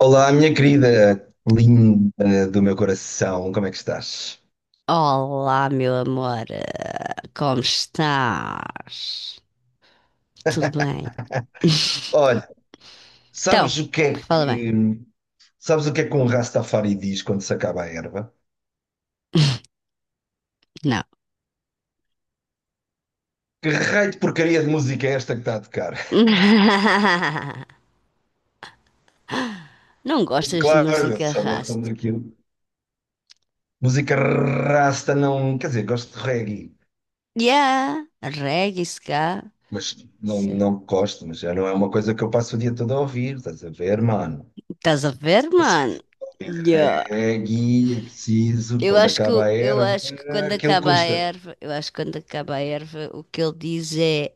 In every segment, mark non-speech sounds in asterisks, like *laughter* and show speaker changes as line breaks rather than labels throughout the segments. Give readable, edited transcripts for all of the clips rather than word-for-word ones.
Olá, minha querida, linda do meu coração, como é que estás?
Olá, meu amor, como estás? Tudo bem? *laughs*
Olha,
Então,
sabes o que é
fala bem.
que, sabes o que é que um Rastafari diz quando se acaba a erva?
Não.
Que raio de porcaria de música é esta que está a tocar?
*laughs* Não
*laughs*
gostas de
Claro, eles
música
só gostam
rasta?
daquilo. Música rasta não, quer dizer, gosto de reggae,
Yeah, reggae, ska.
mas não,
Sim.
não gosto, mas já não é uma coisa que eu passo o dia todo a ouvir, estás a ver, mano?
Estás a ver,
Passo o
mano?
dia-
Yeah.
Reggae é preciso,
Eu
quando
acho que,
acaba a erva, aquilo custa.
eu acho que quando acaba a erva, o que ele diz é: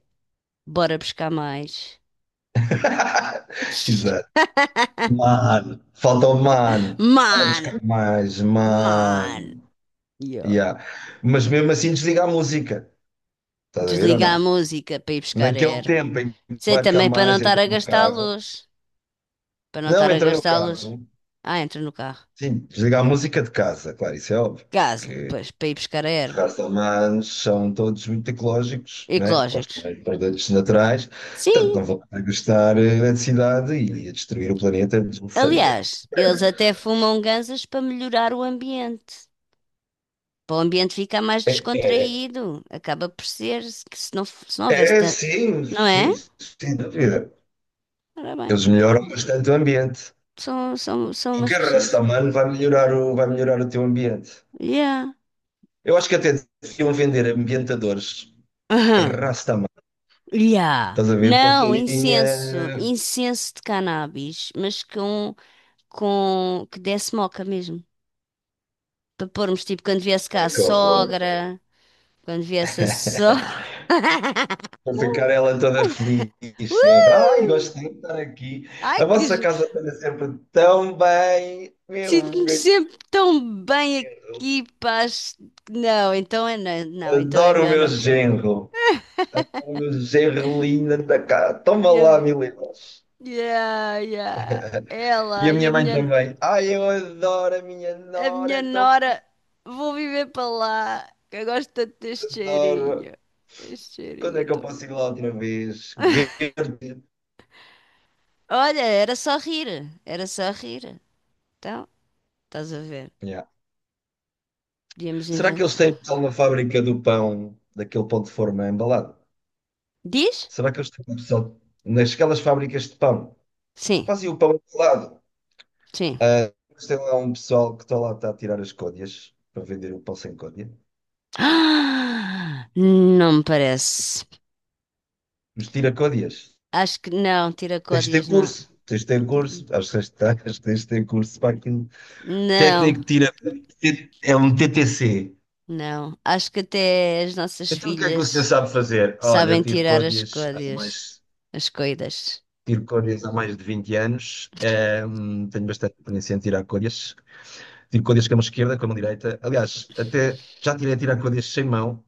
bora buscar mais.
*laughs* Exato.
*laughs*
Mano, falta o mano para
Man,
buscar mais,
man.
mano.
Yeah.
Yeah. Mas mesmo assim desliga a música. Estás a ver ou
Desliga
não?
a música para ir buscar a
Naquele
erva.
tempo em que
Sei
vai buscar
também para não
mais,
estar
entra
a
no
gastar a
carro.
luz. Para não estar
Não
a
entra no
gastar a luz.
carro.
Ah, entra no carro.
Sim, desliga a música de casa, claro, isso é óbvio.
Casa,
Que
pois, para ir buscar a
os
erva.
castelmanos são todos muito ecológicos, né? Gostam
Ecológicos.
mais de produtos naturais, portanto
Sim,
não vão gastar eletricidade e a destruir o planeta desnecessariamente.
aliás, eles até fumam ganzas para melhorar o ambiente. Para o ambiente ficar mais
É, é,
descontraído. Acaba por ser que se não houvesse
é,
tanto.
sim,
Não é?
sim, sim, sem dúvida.
Ora bem,
Eles melhoram bastante o ambiente.
são umas
Qualquer
pessoas.
raça humana vai melhorar o teu ambiente.
Yeah.
Eu acho que até deviam vender ambientadores
*laughs*
Rastaman.
Yeah.
Estás a ver? Com
Não,
cheirinha.
incenso de cannabis, mas com que desse moca mesmo. Para pormos tipo
Ai, que horror.
quando viesse a sogra. *laughs*
Para ficar ela toda feliz. Sempre. Ai,
Uh!
gosto de estar aqui.
Ai,
A vossa casa está sempre tão bem. Meu,
sinto-me
meu
sempre tão bem
genro.
aqui, paz. Não, então é não, então é
Adoro o
melhor
meu
não pôr.
genro. Adoro o meu genro lindo. Toma
E
lá,
a-
mil euros.
Yeah, yeah.
E
Ela
a
e
minha
a
mãe
minha.
também. Ai, eu adoro a minha
A
nora,
minha
é tão linda,
nora, vou viver para lá, que eu gosto tanto deste
adoro.
cheirinho. Este
Quando
cheirinho
é
é
que eu
tão bom.
posso ir lá outra vez?
*laughs*
Verde.
Olha, era só rir. Então, estás a ver,
Yeah.
podíamos
Será que eles
inventar.
têm pessoal na fábrica do pão, daquele pão de forma embalado?
Diz?
Será que eles têm pessoal nasquelas fábricas de pão?
Sim,
Fazem o pão embalado.
sim. *gasps*
Ah, mas tem lá um pessoal que está a tirar as côdeas para vender o pão sem côdea.
Ah, não me parece.
Mas tira côdeas.
Acho que não,
Tens de ter
tiracódias não.
curso. Tens de ter curso. Acho que tens de ter curso para aquilo.
Não,
Técnico tira. É um TTC.
não. Acho que até as nossas
Então o que é que o senhor
filhas
sabe fazer? Olha, eu
sabem
tiro
tirar as
códias há
códias,
mais,
as coidas.
tiro códias há mais de 20 anos. Tenho bastante experiência em tirar códias. Tiro códias com a mão esquerda, com a mão direita. Aliás, até já tirei a tirar códias sem mão.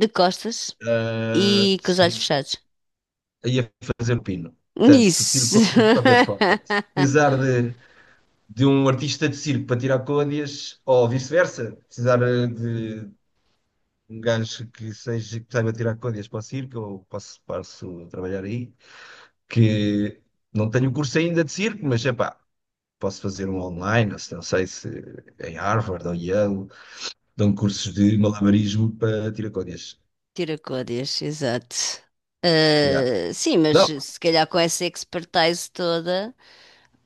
De costas. E com os olhos
Sim.
fechados.
Aí a fazer o pino. Portanto, tiro
Isso.
códias de qualquer forma.
*laughs*
Precisar de um artista de circo para tirar códias, ou vice-versa, precisar de um gajo que seja, que saiba tirar contas para o circo, eu posso a trabalhar aí, que não tenho curso ainda de circo, mas é pá, posso fazer um online, ou se não sei se em Harvard ou Yale, dão cursos de malabarismo para tiracódias.
Tiracórias, exato.
Já.
Ah, sim, mas
Não,
se calhar com essa expertise toda,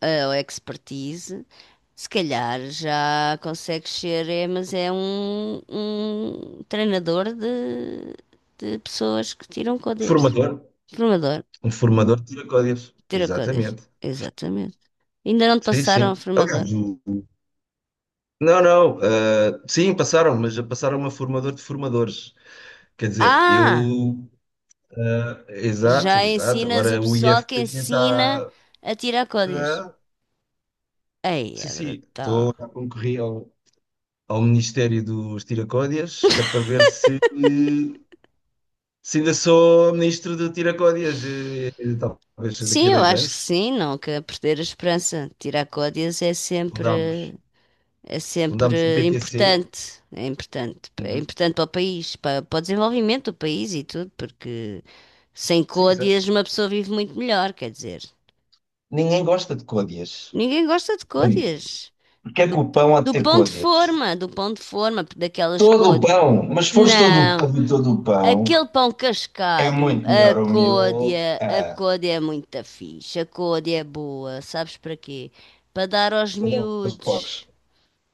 ah, ou expertise, se calhar já consegues ser, é, mas é um treinador de pessoas que tiram códigos.
formador,
Formador,
um formador de tiracódias,
tira códigos.
exatamente.
Exatamente. Ainda não te
Sim,
passaram a
sim.
formador.
Aliás, não, não, sim, passaram, mas já passaram a formador de formadores. Quer dizer,
Ah!
eu
Já
Exato, exato.
ensinas o
Agora o
pessoal que
IFP
ensina
está.
a tirar códigos.
ah,
Aí
sim,
é
sim,
brutal.
estou a concorrer ao Ministério dos Tiracódias, que é para ver se ainda sou ministro do Tiracódias. Talvez daqui a
Sim, eu
dois
acho que
anos
sim, não quero perder a esperança. Tirar códigos
fundamos,
é
fundamos o
sempre
PTC.
importante. É importante. É
Uhum.
importante para o país, para o desenvolvimento do país e tudo, porque sem
Sim, exato.
códigos uma pessoa vive muito melhor, quer dizer.
Ninguém gosta de códias.
Ninguém gosta de
Já viste?
códigos.
Porque é que
Do,
o pão há de
do
ter
pão de
códias?
forma, daquelas
Todo o
cores.
pão, mas se fores
Não,
todo o pão,
aquele pão
é
cascalho,
muito
a
melhor o meu.
côdea, a
Ah,
côdea é muito fixe, a côdea é boa, sabes para quê? Para dar aos
perdão, aos
miúdos,
poucos.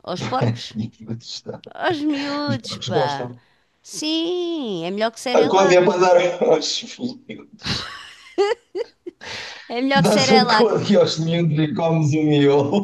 aos
Os
porcos?
miúdos, tá.
Aos
Os
miúdos,
porcos
pá.
gostam.
Sim, é melhor que
A Códia é
Cerelac.
para dar aos miúdos.
É melhor
Tu
que
dás a
Cerelac.
Códia aos miúdos e comes o miolo.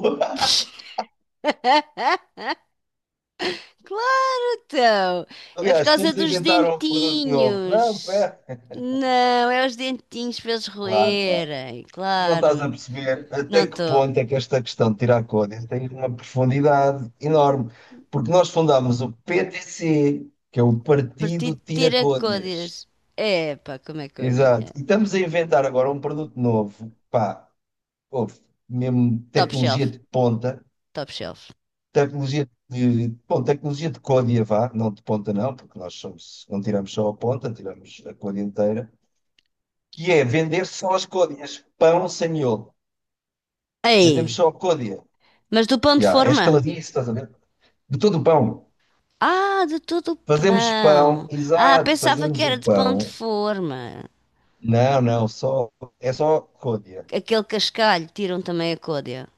Claro, que não.
*laughs*
É por
Aliás,
causa
temos de
dos
inventar um produto novo. Não,
dentinhos.
pera.
Não, é os dentinhos para eles
Claro, claro.
roerem,
Tu não estás a
claro.
perceber
Não
até que
estou.
ponto é que esta questão de tirar Códia tem uma profundidade enorme. Porque nós fundámos o PTC, que é o Partido
Partido de ter
Tira
a côdeas.
Códias.
Epá, como é que eu
Exato.
adivinhei?
E estamos a inventar agora um produto novo. Pá, ouve, mesmo
Top
tecnologia
shelf,
de ponta.
top shelf.
Tecnologia de côdea, vá, não de ponta não, porque nós somos, não tiramos só a ponta, tiramos a côdea inteira, que é vender só as côdeas, pão sem miolo. Vendemos
Ei,
só a côdea.
mas do pão de
Já, é
forma?
estaladiço, estás a ver? De todo o pão.
Ah, de todo o
Fazemos pão,
pão. Ah,
exato,
pensava que
fazemos
era
o
de pão de
pão.
forma.
Não, não, só, é só côdea.
Aquele cascalho, tiram também a côdea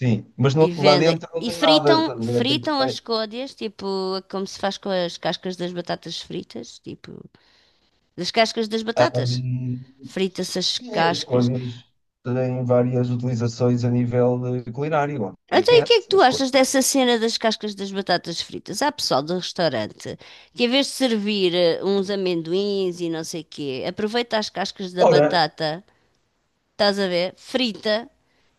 Sim, mas
e
lá
vendem.
dentro não
E
tem nada,
fritam,
estás a ver?
fritam as côdeas, tipo, como se faz com as cascas das batatas fritas, tipo, das cascas das batatas.
Ahm,
Frita-se as
Sim, as
cascas.
coisas têm várias utilizações a nível de culinário,
Então, e o que é que
obviamente.
tu
As coisas.
achas dessa cena das cascas das batatas fritas? Há pessoal do restaurante que, em vez de servir uns amendoins e não sei quê, aproveita as cascas da
Ora,
batata, estás a ver, frita,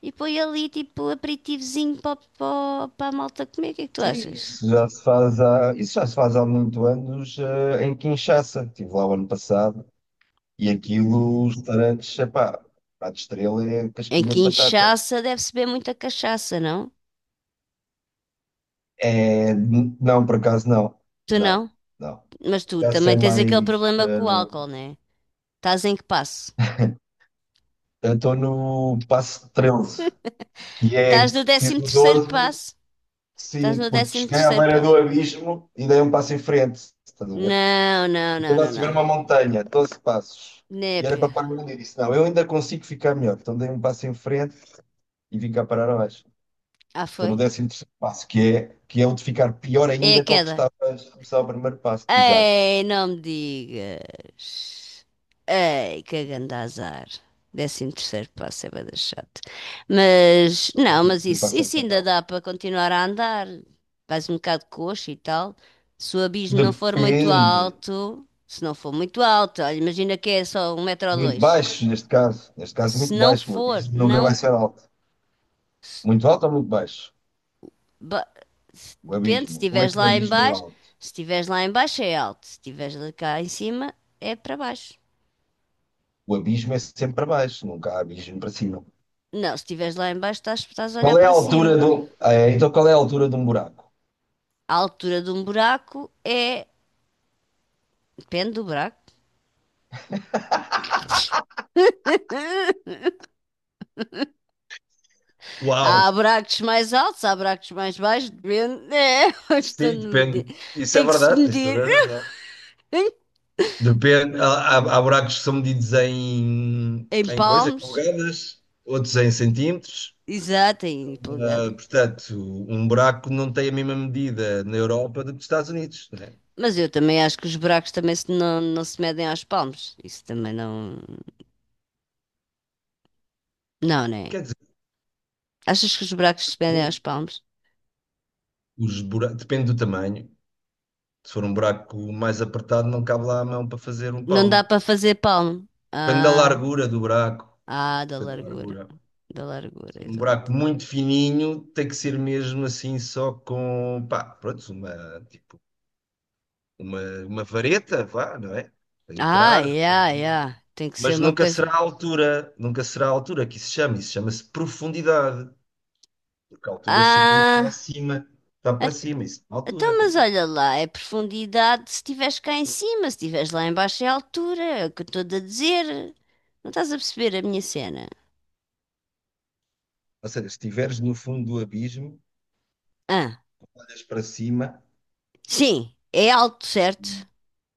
e põe ali tipo aperitivozinho para a malta comer. O que é que tu
sim,
achas?
isso já se faz há muito anos, em Kinshasa. Estive lá o ano passado e aquilo, os restaurantes, epá, a de estrela é
Em
casquinha
que
de batata.
inchaça deve-se beber muita cachaça, não?
É, não, por acaso não.
Tu
Não,
não?
não.
Mas tu
Kinshasa é
também tens aquele
mais.
problema com o álcool, né? Estás em que passo?
Eu estou no passo 13 que é,
Estás no
fiz
décimo
o
terceiro
12.
passo. Estás
Sim,
no
porque
décimo
cheguei à
terceiro
beira
passo.
do abismo e dei um passo em frente. Estás a ver?
Não, não,
Eu
não,
estava
não,
a subir
não.
uma montanha, 12 passos. E era para
Népia.
parar ali. E disse: não, eu ainda consigo ficar melhor. Então dei um passo em frente e vim cá parar abaixo.
Ah,
Estou no
foi?
décimo º passo, que é, o de ficar pior
É a
ainda que o que
queda.
estava a começar o primeiro passo. Exato.
Ei, não me digas. Ei, que grande azar. 13.º passo é bué da chato. Mas,
O
não, mas
primeiro
isso,
passo é
isso ainda
fatal.
dá para continuar a andar. Vais um bocado coxo e tal.
Depende.
Se não for muito alto, olha, imagina que é só um metro ou
Muito
dois.
baixo, neste caso. Neste caso,
Se
muito
não
baixo. O
for,
abismo nunca vai
não.
ser alto. Muito alto ou muito baixo?
Ba-
O
Depende, se
abismo. Como é
estiveres
que um
lá em
abismo é
baixo,
alto?
se estiveres lá em baixo é alto, se estiveres lá cá em cima é para baixo.
O abismo é sempre para baixo, nunca há abismo para cima.
Não, se estiveres lá em baixo estás a olhar
Qual é a
para
altura
cima.
do. É, então, qual é a altura de um buraco?
A altura de um buraco é... Depende do buraco.
Uau!
Há buracos mais altos, há buracos mais baixos, depende. É, *laughs* estou
Sim,
de medir.
depende. Isso é
Tem que se
verdade, tens
medir
toda a razão.
*laughs*
Depende. Há buracos que são medidos em,
em
em coisas, em
palmos,
polegadas, outros em centímetros.
exato, em
Ah,
polegada.
portanto, um buraco não tem a mesma medida na Europa do que nos Estados Unidos, né?
Mas eu também acho que os buracos também não se medem aos palmos. Isso também não... Não, né?
Quer dizer,
Achas que os buracos se pendem aos
sim,
palmos?
os buracos, depende do tamanho. Se for um buraco mais apertado, não cabe lá a mão para fazer um
Não dá
palmo.
para fazer palmo.
Depende da
Ah,
largura do buraco.
ah, da
Pedro
largura.
largura.
Da
Se
largura,
for um
exato.
buraco muito fininho, tem que ser mesmo assim só com, pá, pronto, uma, tipo, uma vareta, vá, não é? Para
Ah,
entrar.
yeah, yeah. Tem que ser
Mas
uma coisa.
nunca será a altura que isso se chama, isso chama-se profundidade. Porque a altura supõe que está
Ah,
acima, está
a-
para cima, isso é altura,
então,
quer
mas
dizer.
olha lá, é profundidade se estiveres cá em cima, se estiveres lá em baixo é altura, é o que eu estou a dizer. Não estás a perceber a minha cena?
Ou seja, se estiveres no fundo do abismo,
Ah,
olhas para cima,
sim, é alto, certo?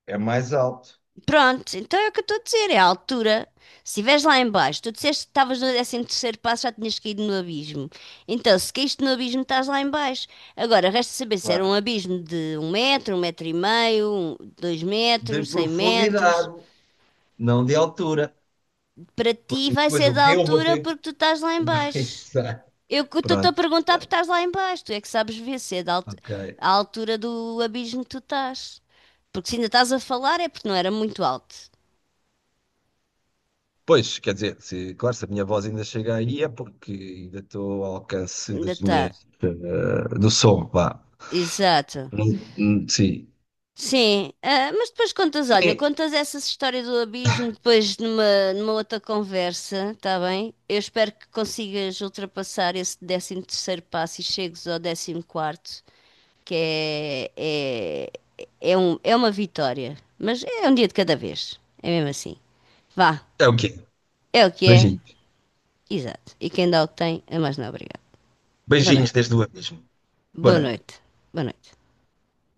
é mais alto,
Pronto, então é o que eu estou a dizer, é a altura. Se estiveres lá em baixo, tu disseste que estavas no 13.º passo, já tinhas caído no abismo. Então, se caíste no abismo, estás lá em baixo. Agora, resta saber se era um
claro.
abismo de um metro e meio, dois
De
metros, 100 metros.
profundidade, não de altura.
Para ti
Porque
vai
depois
ser
o
da
que eu vou
altura
ter
porque tu estás lá em
*laughs*
baixo.
Exato.
Eu que estou-te a
Pronto.
perguntar porque
Exato.
estás lá em baixo. Tu é que sabes ver se é
Ok.
a altura do abismo que tu estás. Porque se ainda estás a falar é porque não era muito alto.
Pois, quer dizer, se, claro, se a minha voz ainda chega aí é porque ainda estou ao alcance
Ainda está.
do som, vá.
Exato.
Sim.
Sim, ah, mas depois contas, olha,
Sim.
contas essas histórias do abismo depois numa outra conversa, tá bem? Eu espero que consigas ultrapassar esse 13.º passo e chegues ao 14.º, que é uma vitória, mas é um dia de cada vez, é mesmo assim. Vá,
É o quê?
é o que é,
Beijinhos.
exato. E quem dá o que tem é mais não obrigado. Boa noite,
Beijinhos desde o abismo. Boa
boa
noite.
noite, boa noite.